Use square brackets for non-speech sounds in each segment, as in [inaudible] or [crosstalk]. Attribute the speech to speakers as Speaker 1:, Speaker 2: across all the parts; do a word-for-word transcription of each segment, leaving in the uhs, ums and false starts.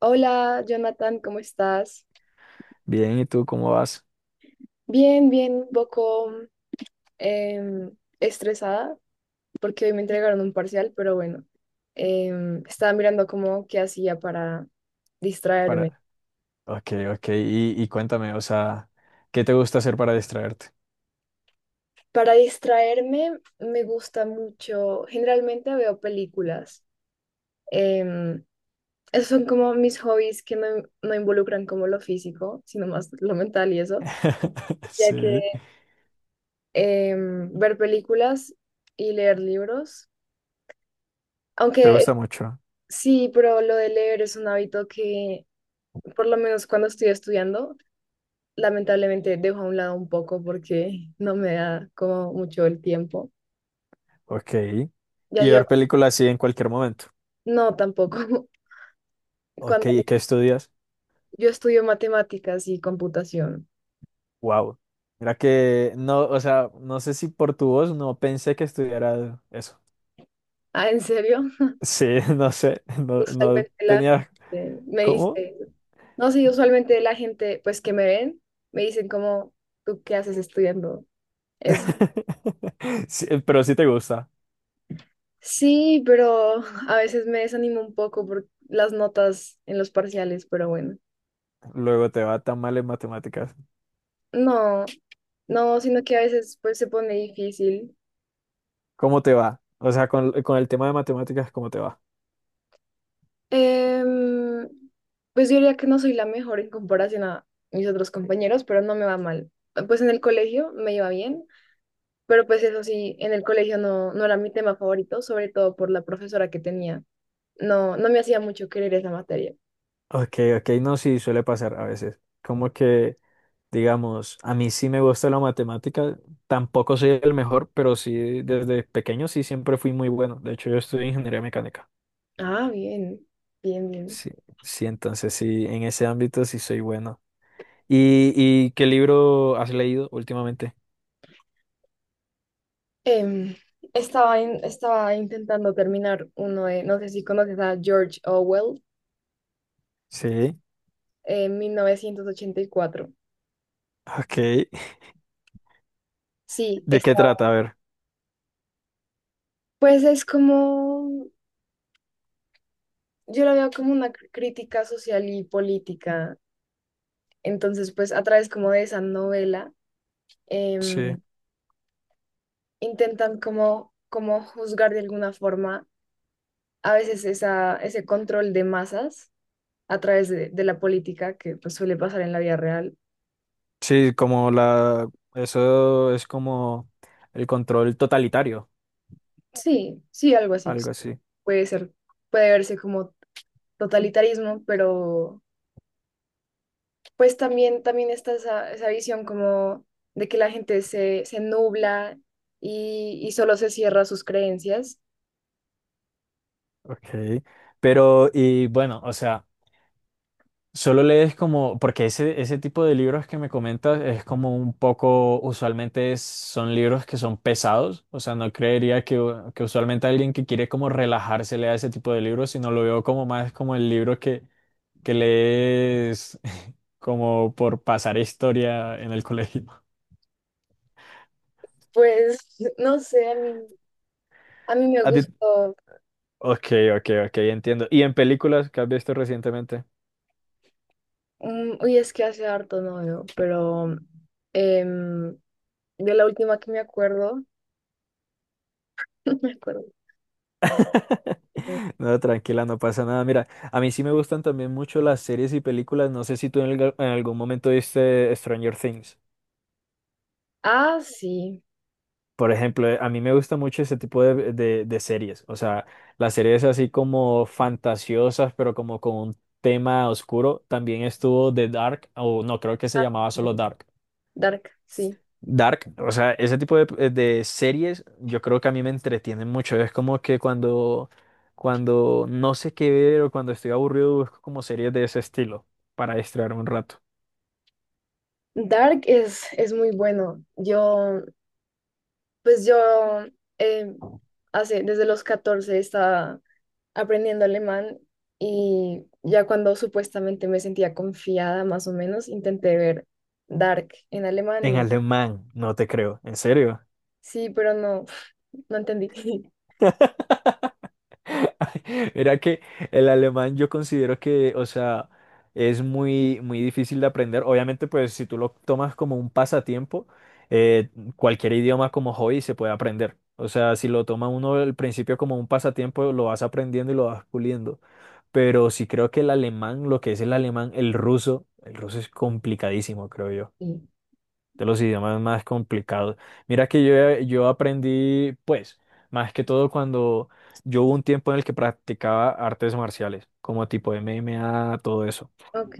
Speaker 1: Hola, Jonathan, ¿cómo estás?
Speaker 2: Bien, ¿y tú cómo vas?
Speaker 1: Bien, bien, un poco em, estresada porque hoy me entregaron un parcial, pero bueno, em, estaba mirando cómo qué hacía para distraerme.
Speaker 2: Para... Ok, ok, y, y cuéntame, o sea, ¿qué te gusta hacer para distraerte?
Speaker 1: Para distraerme me gusta mucho, generalmente veo películas. em, Esos son como mis hobbies que no, no involucran como lo físico, sino más lo mental y eso,
Speaker 2: [laughs]
Speaker 1: ya que
Speaker 2: Sí,
Speaker 1: em, ver películas y leer libros.
Speaker 2: te
Speaker 1: Aunque.
Speaker 2: gusta mucho.
Speaker 1: Sí, pero lo de leer es un hábito que, por lo menos cuando estoy estudiando, lamentablemente dejo a un lado un poco porque no me da como mucho el tiempo.
Speaker 2: Ok.
Speaker 1: Ya
Speaker 2: Y
Speaker 1: yo,
Speaker 2: ver películas así en cualquier momento.
Speaker 1: no, tampoco. [laughs]
Speaker 2: Ok,
Speaker 1: Cuando
Speaker 2: ¿y qué estudias?
Speaker 1: Yo estudio matemáticas y computación.
Speaker 2: Wow. Mira que no, o sea, no sé si por tu voz no pensé que estudiara eso.
Speaker 1: Ah, ¿en serio?
Speaker 2: Sí, [laughs] no sé,
Speaker 1: [laughs]
Speaker 2: no, no
Speaker 1: Usualmente la
Speaker 2: tenía
Speaker 1: gente me dice,
Speaker 2: cómo.
Speaker 1: no, sí, usualmente la gente, pues que me ven, me dicen como, ¿tú qué haces estudiando eso?
Speaker 2: [laughs] Sí, pero sí te gusta.
Speaker 1: Sí, pero [laughs] a veces me desanimo un poco por las notas en los parciales, pero bueno.
Speaker 2: Luego te va tan mal en matemáticas.
Speaker 1: No, no, sino que a veces pues se pone difícil.
Speaker 2: ¿Cómo te va? O sea, con, con el tema de matemáticas, ¿cómo te va?
Speaker 1: Em, pues yo diría que no soy la mejor en comparación a mis otros compañeros, pero no me va mal. Pues en el colegio me iba bien, pero pues eso sí, en el colegio no, no era mi tema favorito, sobre todo por la profesora que tenía. No, no me hacía mucho querer esa materia.
Speaker 2: Ok, ok, no, sí, suele pasar a veces. Como que, digamos, a mí sí me gusta la matemática, tampoco soy el mejor, pero sí, desde pequeño sí siempre fui muy bueno. De hecho, yo estudié ingeniería mecánica.
Speaker 1: Ah, bien, bien, bien.
Speaker 2: Sí, sí, entonces sí, en ese ámbito sí soy bueno. ¿Y, y qué libro has leído últimamente?
Speaker 1: Em, estaba, in- estaba intentando terminar uno de, no sé si conoces a George Orwell,
Speaker 2: Sí,
Speaker 1: en mil novecientos ochenta y cuatro.
Speaker 2: ok. [laughs]
Speaker 1: Sí,
Speaker 2: ¿De
Speaker 1: está.
Speaker 2: qué trata? A ver.
Speaker 1: Pues es como, yo lo veo como una cr- crítica social y política. Entonces, pues a través como de esa novela,
Speaker 2: Sí.
Speaker 1: em, intentan como, como juzgar de alguna forma a veces esa, ese control de masas a través de, de la política que pues suele pasar en la vida real.
Speaker 2: Sí, como la, eso es como el control totalitario,
Speaker 1: Sí, sí, algo así.
Speaker 2: algo así.
Speaker 1: Puede ser, puede verse como totalitarismo, pero pues también, también está esa, esa visión como de que la gente se, se nubla y, y solo se cierra a sus creencias.
Speaker 2: Okay. Pero, y bueno, o sea, solo lees como, porque ese, ese tipo de libros que me comentas es como un poco, usualmente es- son libros que son pesados, o sea, no creería que, u- que usualmente alguien que quiere como relajarse lea ese tipo de libros, sino lo veo como más como el libro que, que lees [laughs] como por pasar historia en el colegio.
Speaker 1: Pues [laughs] no sé, a mí, a mí me
Speaker 2: ¿A ti,
Speaker 1: gustó,
Speaker 2: ok, ok, ok, entiendo. ¿Y en películas que has visto recientemente?
Speaker 1: mm, uy, es que hace harto no veo, pero em, de la última que me acuerdo, [laughs] no me acuerdo.
Speaker 2: [laughs]
Speaker 1: eh,
Speaker 2: No, tranquila, no pasa nada. Mira, a mí sí me gustan también mucho las series y películas. No sé si tú en, alg- en algún momento viste Stranger Things.
Speaker 1: Ah, sí,
Speaker 2: Por ejemplo, eh, a mí me gusta mucho ese tipo de, de- de series. O sea, las series así como fantasiosas, pero como con un tema oscuro. También estuvo The Dark, o no, creo que se llamaba solo Dark.
Speaker 1: Dark, sí.
Speaker 2: Dark, o sea, ese tipo de, eh, de series yo creo que a mí me entretienen mucho. Es como que cuando, cuando no sé qué ver o cuando estoy aburrido busco como series de ese estilo para distraerme un rato.
Speaker 1: Dark es, es muy bueno. Yo, pues yo, em, hace, desde los catorce estaba aprendiendo alemán y ya cuando supuestamente me sentía confiada más o menos, intenté ver Dark en alemán
Speaker 2: En
Speaker 1: y
Speaker 2: alemán, no te creo, en serio.
Speaker 1: sí, pero no, [laughs] no entendí. [laughs]
Speaker 2: [laughs] Mira que el alemán yo considero que, o sea, es muy, muy difícil de aprender. Obviamente, pues si tú lo tomas como un pasatiempo, eh, cualquier idioma como hobby se puede aprender. O sea, si lo toma uno al principio como un pasatiempo, lo vas aprendiendo y lo vas puliendo. Pero sí creo que el alemán, lo que es el alemán, el ruso, el ruso es complicadísimo, creo yo
Speaker 1: Y,
Speaker 2: de los idiomas más complicados. Mira que yo, eh, yo aprendí, pues, más que todo cuando yo hubo un tiempo en el que practicaba artes marciales, como tipo M M A, todo eso.
Speaker 1: Ok,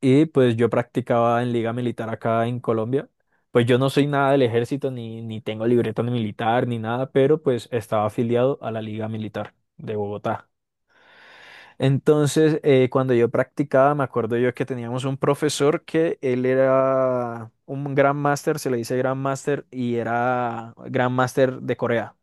Speaker 2: Y pues yo practicaba en liga militar acá en Colombia. Pues yo no soy nada del ejército, ni, ni tengo libreta ni militar, ni nada, pero pues estaba afiliado a la liga militar de Bogotá. Entonces, eh, cuando yo practicaba, me acuerdo yo que teníamos un profesor que él era un gran máster, se le dice gran máster, y era gran máster de Corea.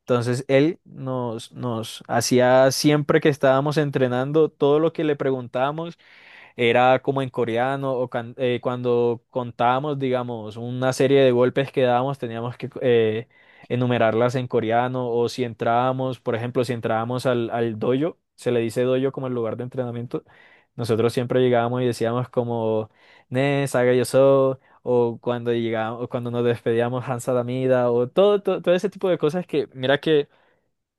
Speaker 2: Entonces, él nos, nos hacía siempre que estábamos entrenando, todo lo que le preguntábamos, era como en coreano, o can- eh, cuando contábamos, digamos, una serie de golpes que dábamos, teníamos que eh, enumerarlas en coreano, o si entrábamos, por ejemplo, si entrábamos al, al dojo, se le dice dojo como el lugar de entrenamiento, nosotros siempre llegábamos y decíamos como, ne, saga yo so, o cuando llegábamos, cuando nos despedíamos, Hansa Damida, o todo, todo, todo ese tipo de cosas que, mira que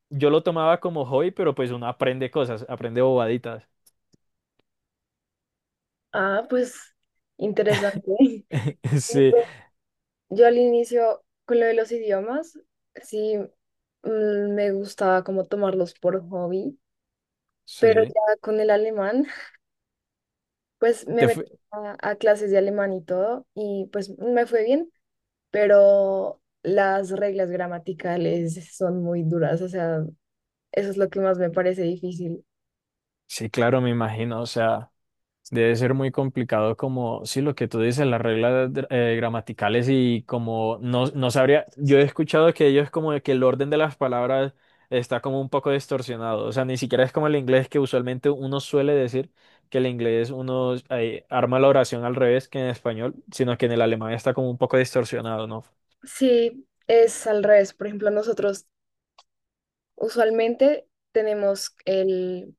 Speaker 2: yo lo tomaba como hobby, pero pues uno aprende cosas, aprende bobaditas.
Speaker 1: ah, pues interesante. [laughs] Sí,
Speaker 2: [laughs] Sí.
Speaker 1: pues, yo al inicio con lo de los idiomas, sí, mm, me gustaba como tomarlos por hobby, pero
Speaker 2: Sí.
Speaker 1: ya con el alemán, [laughs] pues me
Speaker 2: Te
Speaker 1: metí
Speaker 2: fue-
Speaker 1: a, a clases de alemán y todo y pues me fue bien, pero las reglas gramaticales son muy duras, o sea, eso es lo que más me parece difícil.
Speaker 2: Sí, claro, me imagino, o sea, debe ser muy complicado como, sí, lo que tú dices, las reglas dr- eh, gramaticales y como no, no sabría, yo he escuchado que ellos como de que el orden de las palabras está como un poco distorsionado, o sea, ni siquiera es como el inglés que usualmente uno suele decir que el inglés uno eh, arma la oración al revés que en español, sino que en el alemán está como un poco distorsionado, ¿no?
Speaker 1: Sí, es al revés, por ejemplo, nosotros usualmente tenemos el,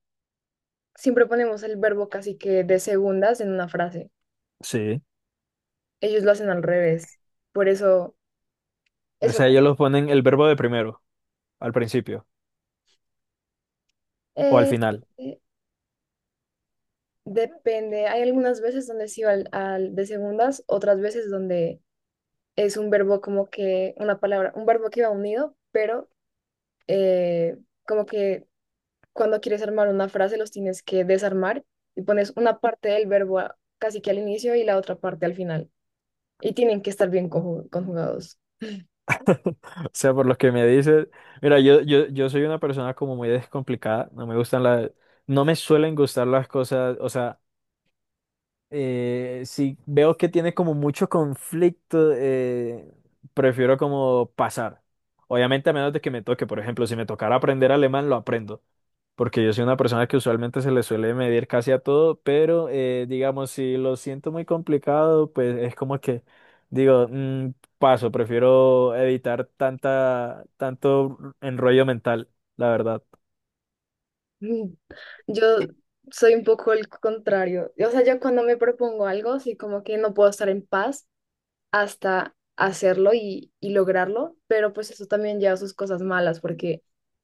Speaker 1: siempre ponemos el verbo casi que de segundas en una frase,
Speaker 2: Sí,
Speaker 1: ellos lo hacen al revés, por eso,
Speaker 2: o
Speaker 1: eso
Speaker 2: sea, ellos los ponen el verbo de primero, al principio o al
Speaker 1: eh,
Speaker 2: final.
Speaker 1: eh, depende, hay algunas veces donde sí va al, al de segundas, otras veces donde es un verbo como que una palabra, un verbo que va unido, pero eh, como que cuando quieres armar una frase los tienes que desarmar y pones una parte del verbo a- casi que al inicio y la otra parte al final. Y tienen que estar bien conju- conjugados. [laughs]
Speaker 2: O sea, por lo que me dices, mira, yo, yo, yo soy una persona como muy descomplicada, no me gustan las, no me suelen gustar las cosas, o sea, eh, si veo que tiene como mucho conflicto, eh, prefiero como pasar. Obviamente a menos de que me toque, por ejemplo, si me tocara aprender alemán, lo aprendo porque yo soy una persona que usualmente se le suele medir casi a todo, pero eh, digamos, si lo siento muy complicado, pues es como que digo, "Mm, paso, prefiero evitar tanta, tanto enrollo mental, la verdad.
Speaker 1: Mm, Yo soy un poco el contrario. O sea, yo cuando me propongo algo, sí como que no puedo estar en paz hasta hacerlo y, y lograrlo, pero pues eso también lleva sus cosas malas, porque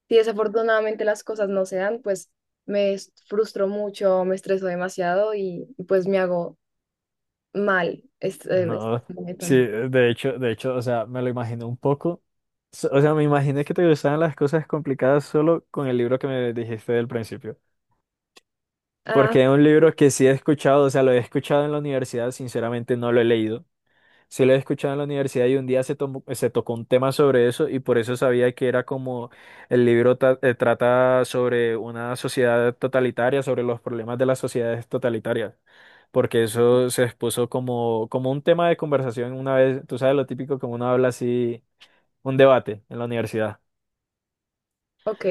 Speaker 1: si desafortunadamente las cosas no se dan, pues me frustro mucho, me estreso demasiado y, y pues me hago mal. Es, eh, es-
Speaker 2: No,
Speaker 1: me
Speaker 2: sí,
Speaker 1: tan-
Speaker 2: de hecho, de hecho, o sea, me lo imaginé un poco. S- O sea, me imaginé que te gustaban las cosas complicadas solo con el libro que me dijiste del principio.
Speaker 1: Ah,
Speaker 2: Porque es un libro que sí he escuchado, o sea, lo he escuchado en la universidad, sinceramente no lo he leído. Sí, lo he escuchado en la universidad y un día se, tomó- se tocó un tema sobre eso y por eso sabía que era como el libro ta- eh, trata sobre una sociedad totalitaria, sobre los problemas de las sociedades totalitarias, porque eso se expuso como, como un tema de conversación una vez, tú sabes lo típico como uno habla así, un debate en la universidad.
Speaker 1: ok,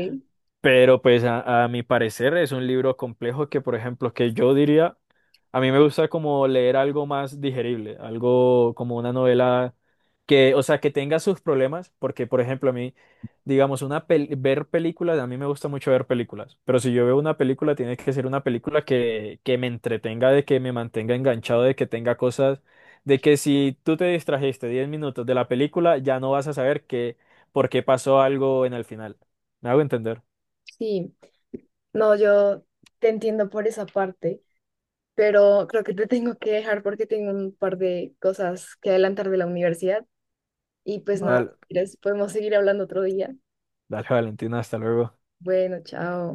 Speaker 2: Pero pues a, a mi parecer es un libro complejo que, por ejemplo, que yo diría, a mí me gusta como leer algo más digerible, algo como una novela que, o sea, que tenga sus problemas, porque, por ejemplo, a mí, digamos, una pel- ver películas, a mí me gusta mucho ver películas, pero si yo veo una película, tiene que ser una película que, que me entretenga, de que me mantenga enganchado, de que tenga cosas, de que si tú te distrajiste diez minutos de la película, ya no vas a saber qué, por qué pasó algo en el final. ¿Me hago entender?
Speaker 1: sí. No, yo te entiendo por esa parte, pero creo que te tengo que dejar porque tengo un par de cosas que adelantar de la universidad. Y pues
Speaker 2: No,
Speaker 1: nada, si
Speaker 2: dale,
Speaker 1: quieres, podemos seguir hablando otro día.
Speaker 2: dale, Valentina, hasta luego.
Speaker 1: Bueno, chao.